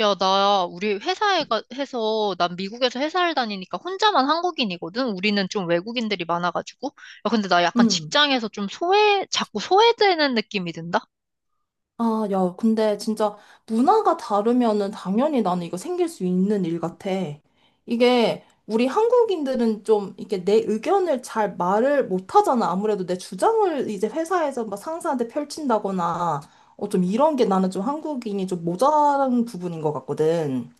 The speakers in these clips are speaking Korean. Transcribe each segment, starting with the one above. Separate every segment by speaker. Speaker 1: 야, 나, 우리 회사에 해서, 난 미국에서 회사를 다니니까 혼자만 한국인이거든? 우리는 좀 외국인들이 많아가지고. 야, 근데 나 약간
Speaker 2: 음.
Speaker 1: 직장에서 자꾸 소외되는 느낌이 든다?
Speaker 2: 아, 야, 근데 진짜 문화가 다르면은 당연히 나는 이거 생길 수 있는 일 같아. 이게 우리 한국인들은 좀 이렇게 내 의견을 잘 말을 못 하잖아. 아무래도 내 주장을 이제 회사에서 막 상사한테 펼친다거나 좀 이런 게 나는 좀 한국인이 좀 모자란 부분인 것 같거든.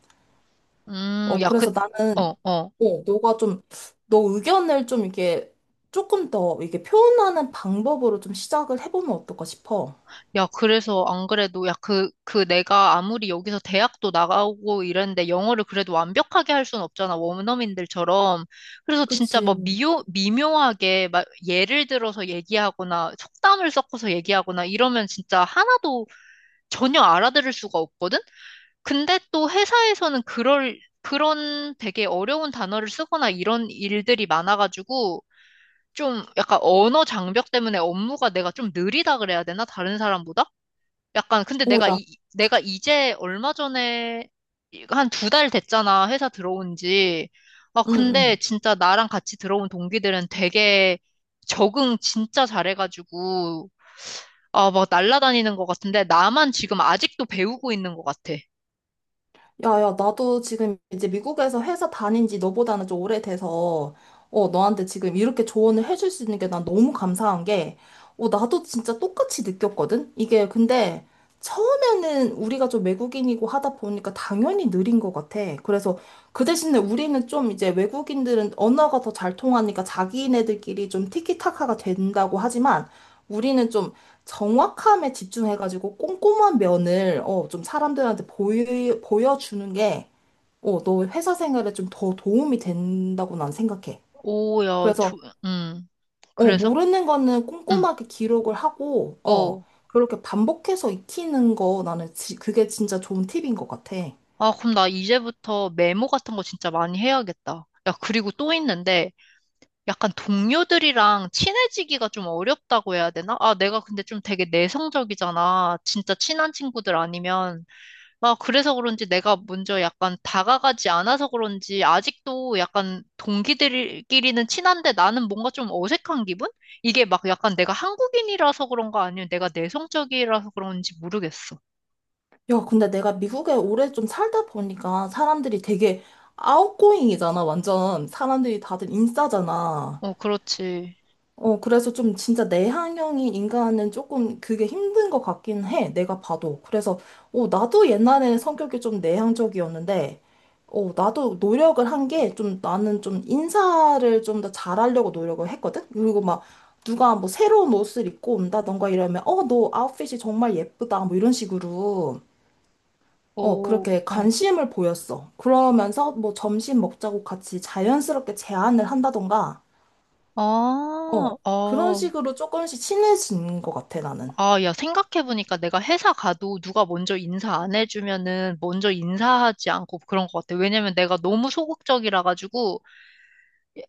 Speaker 1: 야, 그,
Speaker 2: 그래서 나는
Speaker 1: 어, 어.
Speaker 2: 너가 좀 너 의견을 좀 이렇게 조금 더 이렇게 표현하는 방법으로 좀 시작을 해보면 어떨까 싶어.
Speaker 1: 야, 그래서 안 그래도, 야, 내가 아무리 여기서 대학도 나가고 이랬는데 영어를 그래도 완벽하게 할 순 없잖아, 원어민들처럼. 그래서 진짜 막
Speaker 2: 그치.
Speaker 1: 미묘하게 막 예를 들어서 얘기하거나 속담을 섞어서 얘기하거나 이러면 진짜 하나도 전혀 알아들을 수가 없거든? 근데 또 회사에서는 그런 되게 어려운 단어를 쓰거나 이런 일들이 많아가지고 좀 약간 언어 장벽 때문에 업무가 내가 좀 느리다 그래야 되나? 다른 사람보다? 약간 근데
Speaker 2: 오, 야,
Speaker 1: 내가 이제 얼마 전에 한 2달 됐잖아 회사 들어온 지. 아
Speaker 2: 응,
Speaker 1: 근데
Speaker 2: 응.
Speaker 1: 진짜 나랑 같이 들어온 동기들은 되게 적응 진짜 잘해가지고 아 막 날라다니는 것 같은데 나만 지금 아직도 배우고 있는 것 같아.
Speaker 2: 야, 야, 나도 지금 이제 미국에서 회사 다닌 지 너보다는 좀 오래돼서, 너한테 지금 이렇게 조언을 해줄 수 있는 게 난 너무 감사한 게, 나도 진짜 똑같이 느꼈거든? 이게 근데 처음에는 우리가 좀 외국인이고 하다 보니까 당연히 느린 것 같아. 그래서 그 대신에 우리는 좀 이제 외국인들은 언어가 더 잘 통하니까 자기네들끼리 좀 티키타카가 된다고 하지만, 우리는 좀 정확함에 집중해가지고 꼼꼼한 면을 좀 사람들한테 보여주는 게 너 회사 생활에 좀 더 도움이 된다고 난 생각해.
Speaker 1: 오야
Speaker 2: 그래서
Speaker 1: 조, 음 그래서
Speaker 2: 모르는 거는
Speaker 1: 응
Speaker 2: 꼼꼼하게 기록을 하고
Speaker 1: 어.
Speaker 2: 그렇게 반복해서 익히는 거 나는 그게 진짜 좋은 팁인 것 같아.
Speaker 1: 아 그럼 나 이제부터 메모 같은 거 진짜 많이 해야겠다. 야 그리고 또 있는데 약간 동료들이랑 친해지기가 좀 어렵다고 해야 되나? 아, 내가 근데 좀 되게 내성적이잖아. 진짜 친한 친구들 아니면. 아, 그래서 그런지 내가 먼저 약간 다가가지 않아서 그런지 아직도 약간 동기들끼리는 친한데 나는 뭔가 좀 어색한 기분? 이게 막 약간 내가 한국인이라서 그런가 아니면 내가 내성적이라서 그런지 모르겠어.
Speaker 2: 야, 근데 내가 미국에 오래 좀 살다 보니까 사람들이 되게 아웃고잉이잖아. 완전 사람들이 다들 인싸잖아.
Speaker 1: 어, 그렇지.
Speaker 2: 그래서 좀 진짜 내향형인 인간은 조금 그게 힘든 것 같긴 해. 내가 봐도. 그래서 나도 옛날에는 성격이 좀 내향적이었는데, 나도 노력을 한 게 좀 나는 좀 인사를 좀 더 잘하려고 노력을 했거든? 그리고 막 누가 뭐 새로운 옷을 입고 온다던가 이러면, 너 아웃핏이 정말 예쁘다. 뭐 이런 식으로.
Speaker 1: 오,
Speaker 2: 그렇게
Speaker 1: 어.
Speaker 2: 관심을 보였어. 그러면서 뭐 점심 먹자고 같이 자연스럽게 제안을 한다던가,
Speaker 1: 아,
Speaker 2: 어, 그런
Speaker 1: 어,
Speaker 2: 식으로 조금씩 친해진 것 같아, 나는.
Speaker 1: 아, 야, 생각해보니까 내가 회사 가도 누가 먼저 인사 안 해주면은 먼저 인사하지 않고 그런 것 같아. 왜냐면 내가 너무 소극적이라 가지고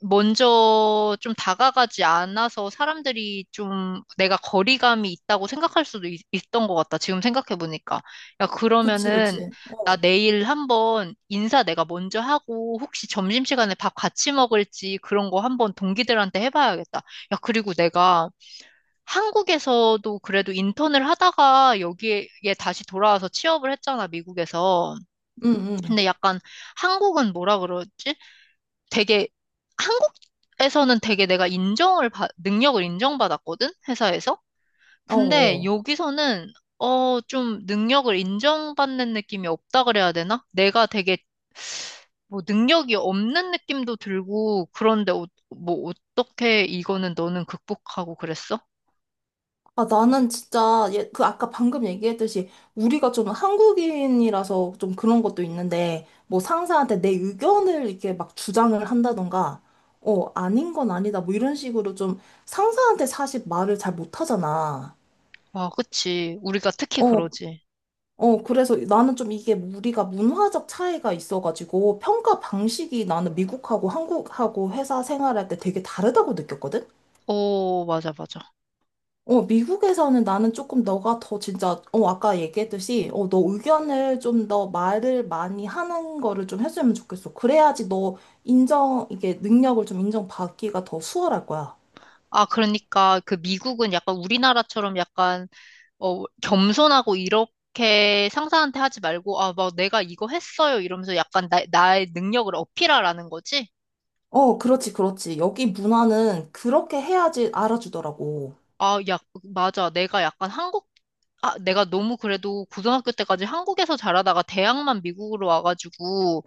Speaker 1: 먼저 좀 다가가지 않아서 사람들이 좀 내가 거리감이 있다고 생각할 수도 있, 던것 같다. 지금 생각해보니까. 야,
Speaker 2: 그치,
Speaker 1: 그러면은
Speaker 2: 그치.
Speaker 1: 나
Speaker 2: 어,
Speaker 1: 내일 한번 인사 내가 먼저 하고 혹시 점심시간에 밥 같이 먹을지 그런 거 한번 동기들한테 해봐야겠다. 야, 그리고 내가 한국에서도 그래도 인턴을 하다가 여기에 다시 돌아와서 취업을 했잖아, 미국에서.
Speaker 2: 응, 응.
Speaker 1: 근데 약간 한국은 뭐라 그러지? 되게 한국에서는 되게 능력을 인정받았거든, 회사에서.
Speaker 2: 어,
Speaker 1: 근데
Speaker 2: 어.
Speaker 1: 여기서는 어, 좀 능력을 인정받는 느낌이 없다 그래야 되나? 내가 되게 뭐 능력이 없는 느낌도 들고 그런데 어, 뭐 어떻게 이거는 너는 극복하고 그랬어?
Speaker 2: 아, 나는 진짜, 예, 그 아까 방금 얘기했듯이, 우리가 좀 한국인이라서 좀 그런 것도 있는데, 뭐 상사한테 내 의견을 이렇게 막 주장을 한다던가, 아닌 건 아니다, 뭐 이런 식으로 좀 상사한테 사실 말을 잘 못하잖아.
Speaker 1: 와, 그치. 우리가 특히
Speaker 2: 어,
Speaker 1: 그러지.
Speaker 2: 그래서 나는 좀 이게 우리가 문화적 차이가 있어가지고 평가 방식이 나는 미국하고 한국하고 회사 생활할 때 되게 다르다고 느꼈거든?
Speaker 1: 오, 맞아, 맞아.
Speaker 2: 미국에서는 나는 조금 너가 더 진짜, 아까 얘기했듯이, 너 의견을 좀 더 말을 많이 하는 거를 좀 해주면 좋겠어. 그래야지 너 이게 능력을 좀 인정받기가 더 수월할 거야.
Speaker 1: 아, 그러니까 그 미국은 약간 우리나라처럼 약간 어, 겸손하고 이렇게 상사한테 하지 말고 아, 막 내가 이거 했어요 이러면서 약간 나의 능력을 어필하라는 거지?
Speaker 2: 어, 그렇지, 그렇지. 여기 문화는 그렇게 해야지 알아주더라고.
Speaker 1: 아, 야, 맞아. 내가 약간 한국 아, 내가 너무 그래도 고등학교 때까지 한국에서 자라다가 대학만 미국으로 와가지고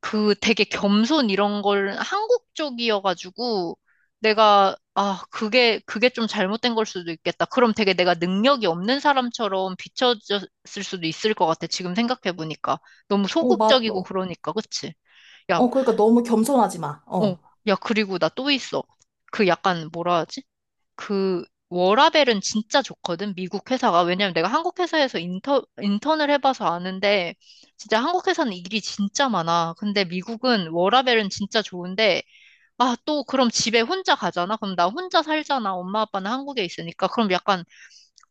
Speaker 1: 그 되게 겸손 이런 걸 한국 쪽이어가지고 내가 아 그게 좀 잘못된 걸 수도 있겠다. 그럼 되게 내가 능력이 없는 사람처럼 비춰졌을 수도 있을 것 같아. 지금 생각해 보니까 너무
Speaker 2: 어, 맞아.
Speaker 1: 소극적이고 그러니까 그치? 야,
Speaker 2: 어, 그러니까 너무 겸손하지 마.
Speaker 1: 어,
Speaker 2: 어.
Speaker 1: 야 그리고 나 또 있어. 그 약간 뭐라 하지? 그 워라벨은 진짜 좋거든, 미국 회사가. 왜냐면 내가 한국 회사에서 인턴을 해봐서 아는데, 진짜 한국 회사는 일이 진짜 많아. 근데 미국은 워라벨은 진짜 좋은데, 아, 또 그럼 집에 혼자 가잖아? 그럼 나 혼자 살잖아. 엄마 아빠는 한국에 있으니까. 그럼 약간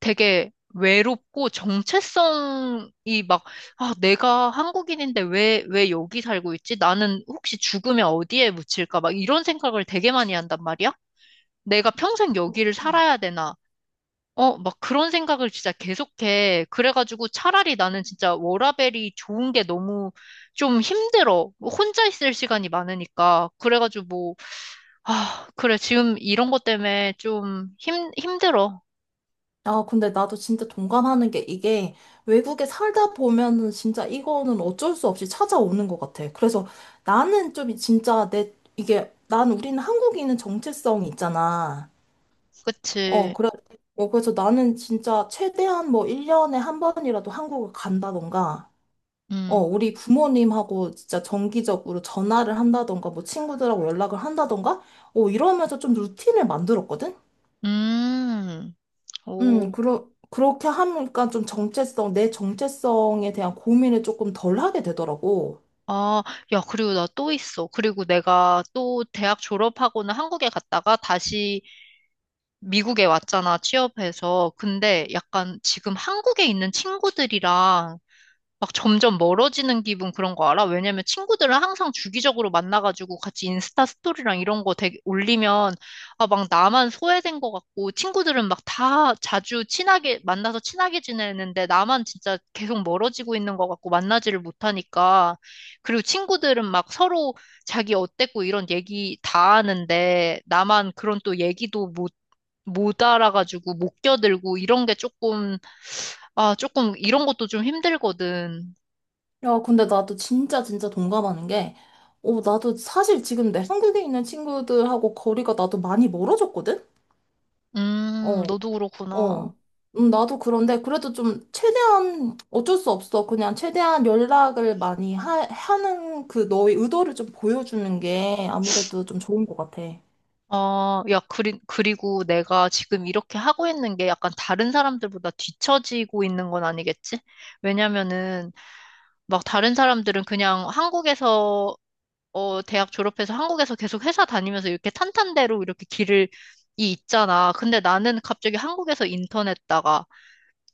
Speaker 1: 되게 외롭고 정체성이 막, 아, 내가 한국인인데 왜 여기 살고 있지? 나는 혹시 죽으면 어디에 묻힐까? 막 이런 생각을 되게 많이 한단 말이야? 내가 평생 여기를 살아야 되나? 어, 막 그런 생각을 진짜 계속해. 그래가지고 차라리 나는 진짜 워라밸이 좋은 게 너무 좀 힘들어. 뭐 혼자 있을 시간이 많으니까. 그래가지고 뭐, 아, 그래. 지금 이런 것 때문에 힘들어.
Speaker 2: 아, 근데 나도 진짜 동감하는 게 이게 외국에 살다 보면은 진짜 이거는 어쩔 수 없이 찾아오는 것 같아. 그래서 나는 좀 진짜 난 우리는 한국인은 정체성이 있잖아. 어,
Speaker 1: 그치.
Speaker 2: 그래. 그래서 나는 진짜 최대한 뭐 1년에 한 번이라도 한국을 간다던가,
Speaker 1: 음,
Speaker 2: 우리 부모님하고 진짜 정기적으로 전화를 한다던가, 뭐 친구들하고 연락을 한다던가, 이러면서 좀 루틴을 만들었거든?
Speaker 1: 음, 오.
Speaker 2: 그렇게 하니까 좀 내 정체성에 대한 고민을 조금 덜 하게 되더라고.
Speaker 1: 아, 야, 그리고 나 또 있어. 그리고 내가 또 대학 졸업하고는 한국에 갔다가 다시 미국에 왔잖아, 취업해서. 근데 약간 지금 한국에 있는 친구들이랑 막 점점 멀어지는 기분 그런 거 알아? 왜냐면 친구들은 항상 주기적으로 만나가지고 같이 인스타 스토리랑 이런 거 되게 올리면 아, 막 나만 소외된 것 같고 친구들은 막 다 자주 친하게 만나서 친하게 지내는데 나만 진짜 계속 멀어지고 있는 것 같고 만나지를 못하니까 그리고 친구들은 막 서로 자기 어땠고 이런 얘기 다 하는데 나만 그런 또 얘기도 못 알아가지고 못 껴들고 이런 게 조금 아 조금 이런 것도 좀 힘들거든.
Speaker 2: 야, 근데 나도 진짜 진짜 동감하는 게, 나도 사실 지금 내 한국에 있는 친구들하고 거리가 나도 많이 멀어졌거든? 어,
Speaker 1: 너도 그렇구나.
Speaker 2: 어. 나도 그런데 그래도 좀 최대한 어쩔 수 없어. 그냥 최대한 연락을 많이 하는 그 너의 의도를 좀 보여주는 게 아무래도 좀 좋은 것 같아.
Speaker 1: 아, 야, 그리고 내가 지금 이렇게 하고 있는 게 약간 다른 사람들보다 뒤처지고 있는 건 아니겠지? 왜냐면은, 막 다른 사람들은 그냥 한국에서, 어, 대학 졸업해서 한국에서 계속 회사 다니면서 이렇게 탄탄대로 이렇게 이 있잖아. 근데 나는 갑자기 한국에서 인턴 했다가,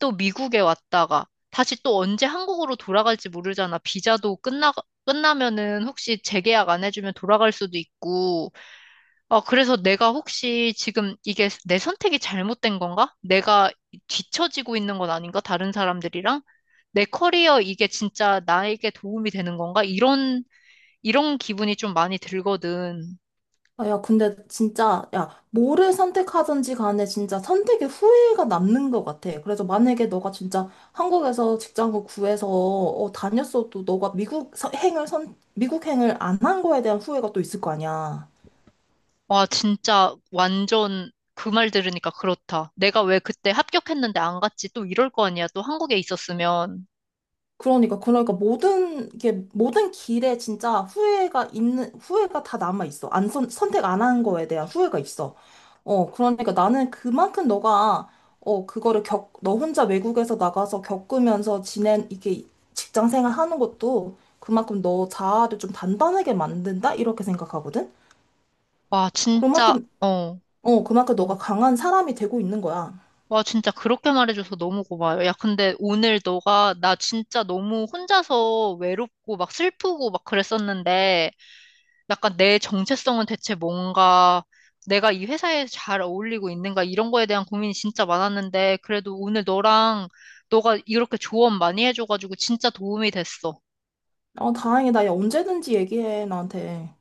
Speaker 1: 또 미국에 왔다가, 다시 또 언제 한국으로 돌아갈지 모르잖아. 끝나면은 혹시 재계약 안 해주면 돌아갈 수도 있고, 어, 그래서 내가 혹시 지금 이게 내 선택이 잘못된 건가? 내가 뒤처지고 있는 건 아닌가? 다른 사람들이랑? 내 커리어 이게 진짜 나에게 도움이 되는 건가? 이런 기분이 좀 많이 들거든.
Speaker 2: 아, 야, 근데 진짜, 야, 뭐를 선택하든지 간에 진짜 선택의 후회가 남는 것 같아. 그래서 만약에 너가 진짜 한국에서 직장을 구해서 다녔어도 너가 미국 행을 안 한 거에 대한 후회가 또 있을 거 아니야.
Speaker 1: 와, 진짜 완전 그 말 들으니까 그렇다. 내가 왜 그때 합격했는데 안 갔지? 또 이럴 거 아니야? 또 한국에 있었으면.
Speaker 2: 그러니까 모든 게 모든 길에 진짜 후회가 다 남아 있어. 안 선, 선택 안 한 거에 대한 후회가 있어. 그러니까 나는 그만큼 너가 그거를 너 혼자 외국에서 나가서 겪으면서 지낸 이게 직장 생활 하는 것도 그만큼 너 자아를 좀 단단하게 만든다? 이렇게 생각하거든?
Speaker 1: 와, 진짜,
Speaker 2: 그만큼,
Speaker 1: 어,
Speaker 2: 그만큼 너가
Speaker 1: 어.
Speaker 2: 강한 사람이 되고 있는 거야.
Speaker 1: 와, 진짜 그렇게 말해줘서 너무 고마워요. 야, 근데 오늘 너가 나 진짜 너무 혼자서 외롭고 막 슬프고 막 그랬었는데 약간 내 정체성은 대체 뭔가 내가 이 회사에 잘 어울리고 있는가 이런 거에 대한 고민이 진짜 많았는데 그래도 오늘 너랑 너가 이렇게 조언 많이 해줘가지고 진짜 도움이 됐어.
Speaker 2: 어, 다행이다. 야, 언제든지 얘기해, 나한테.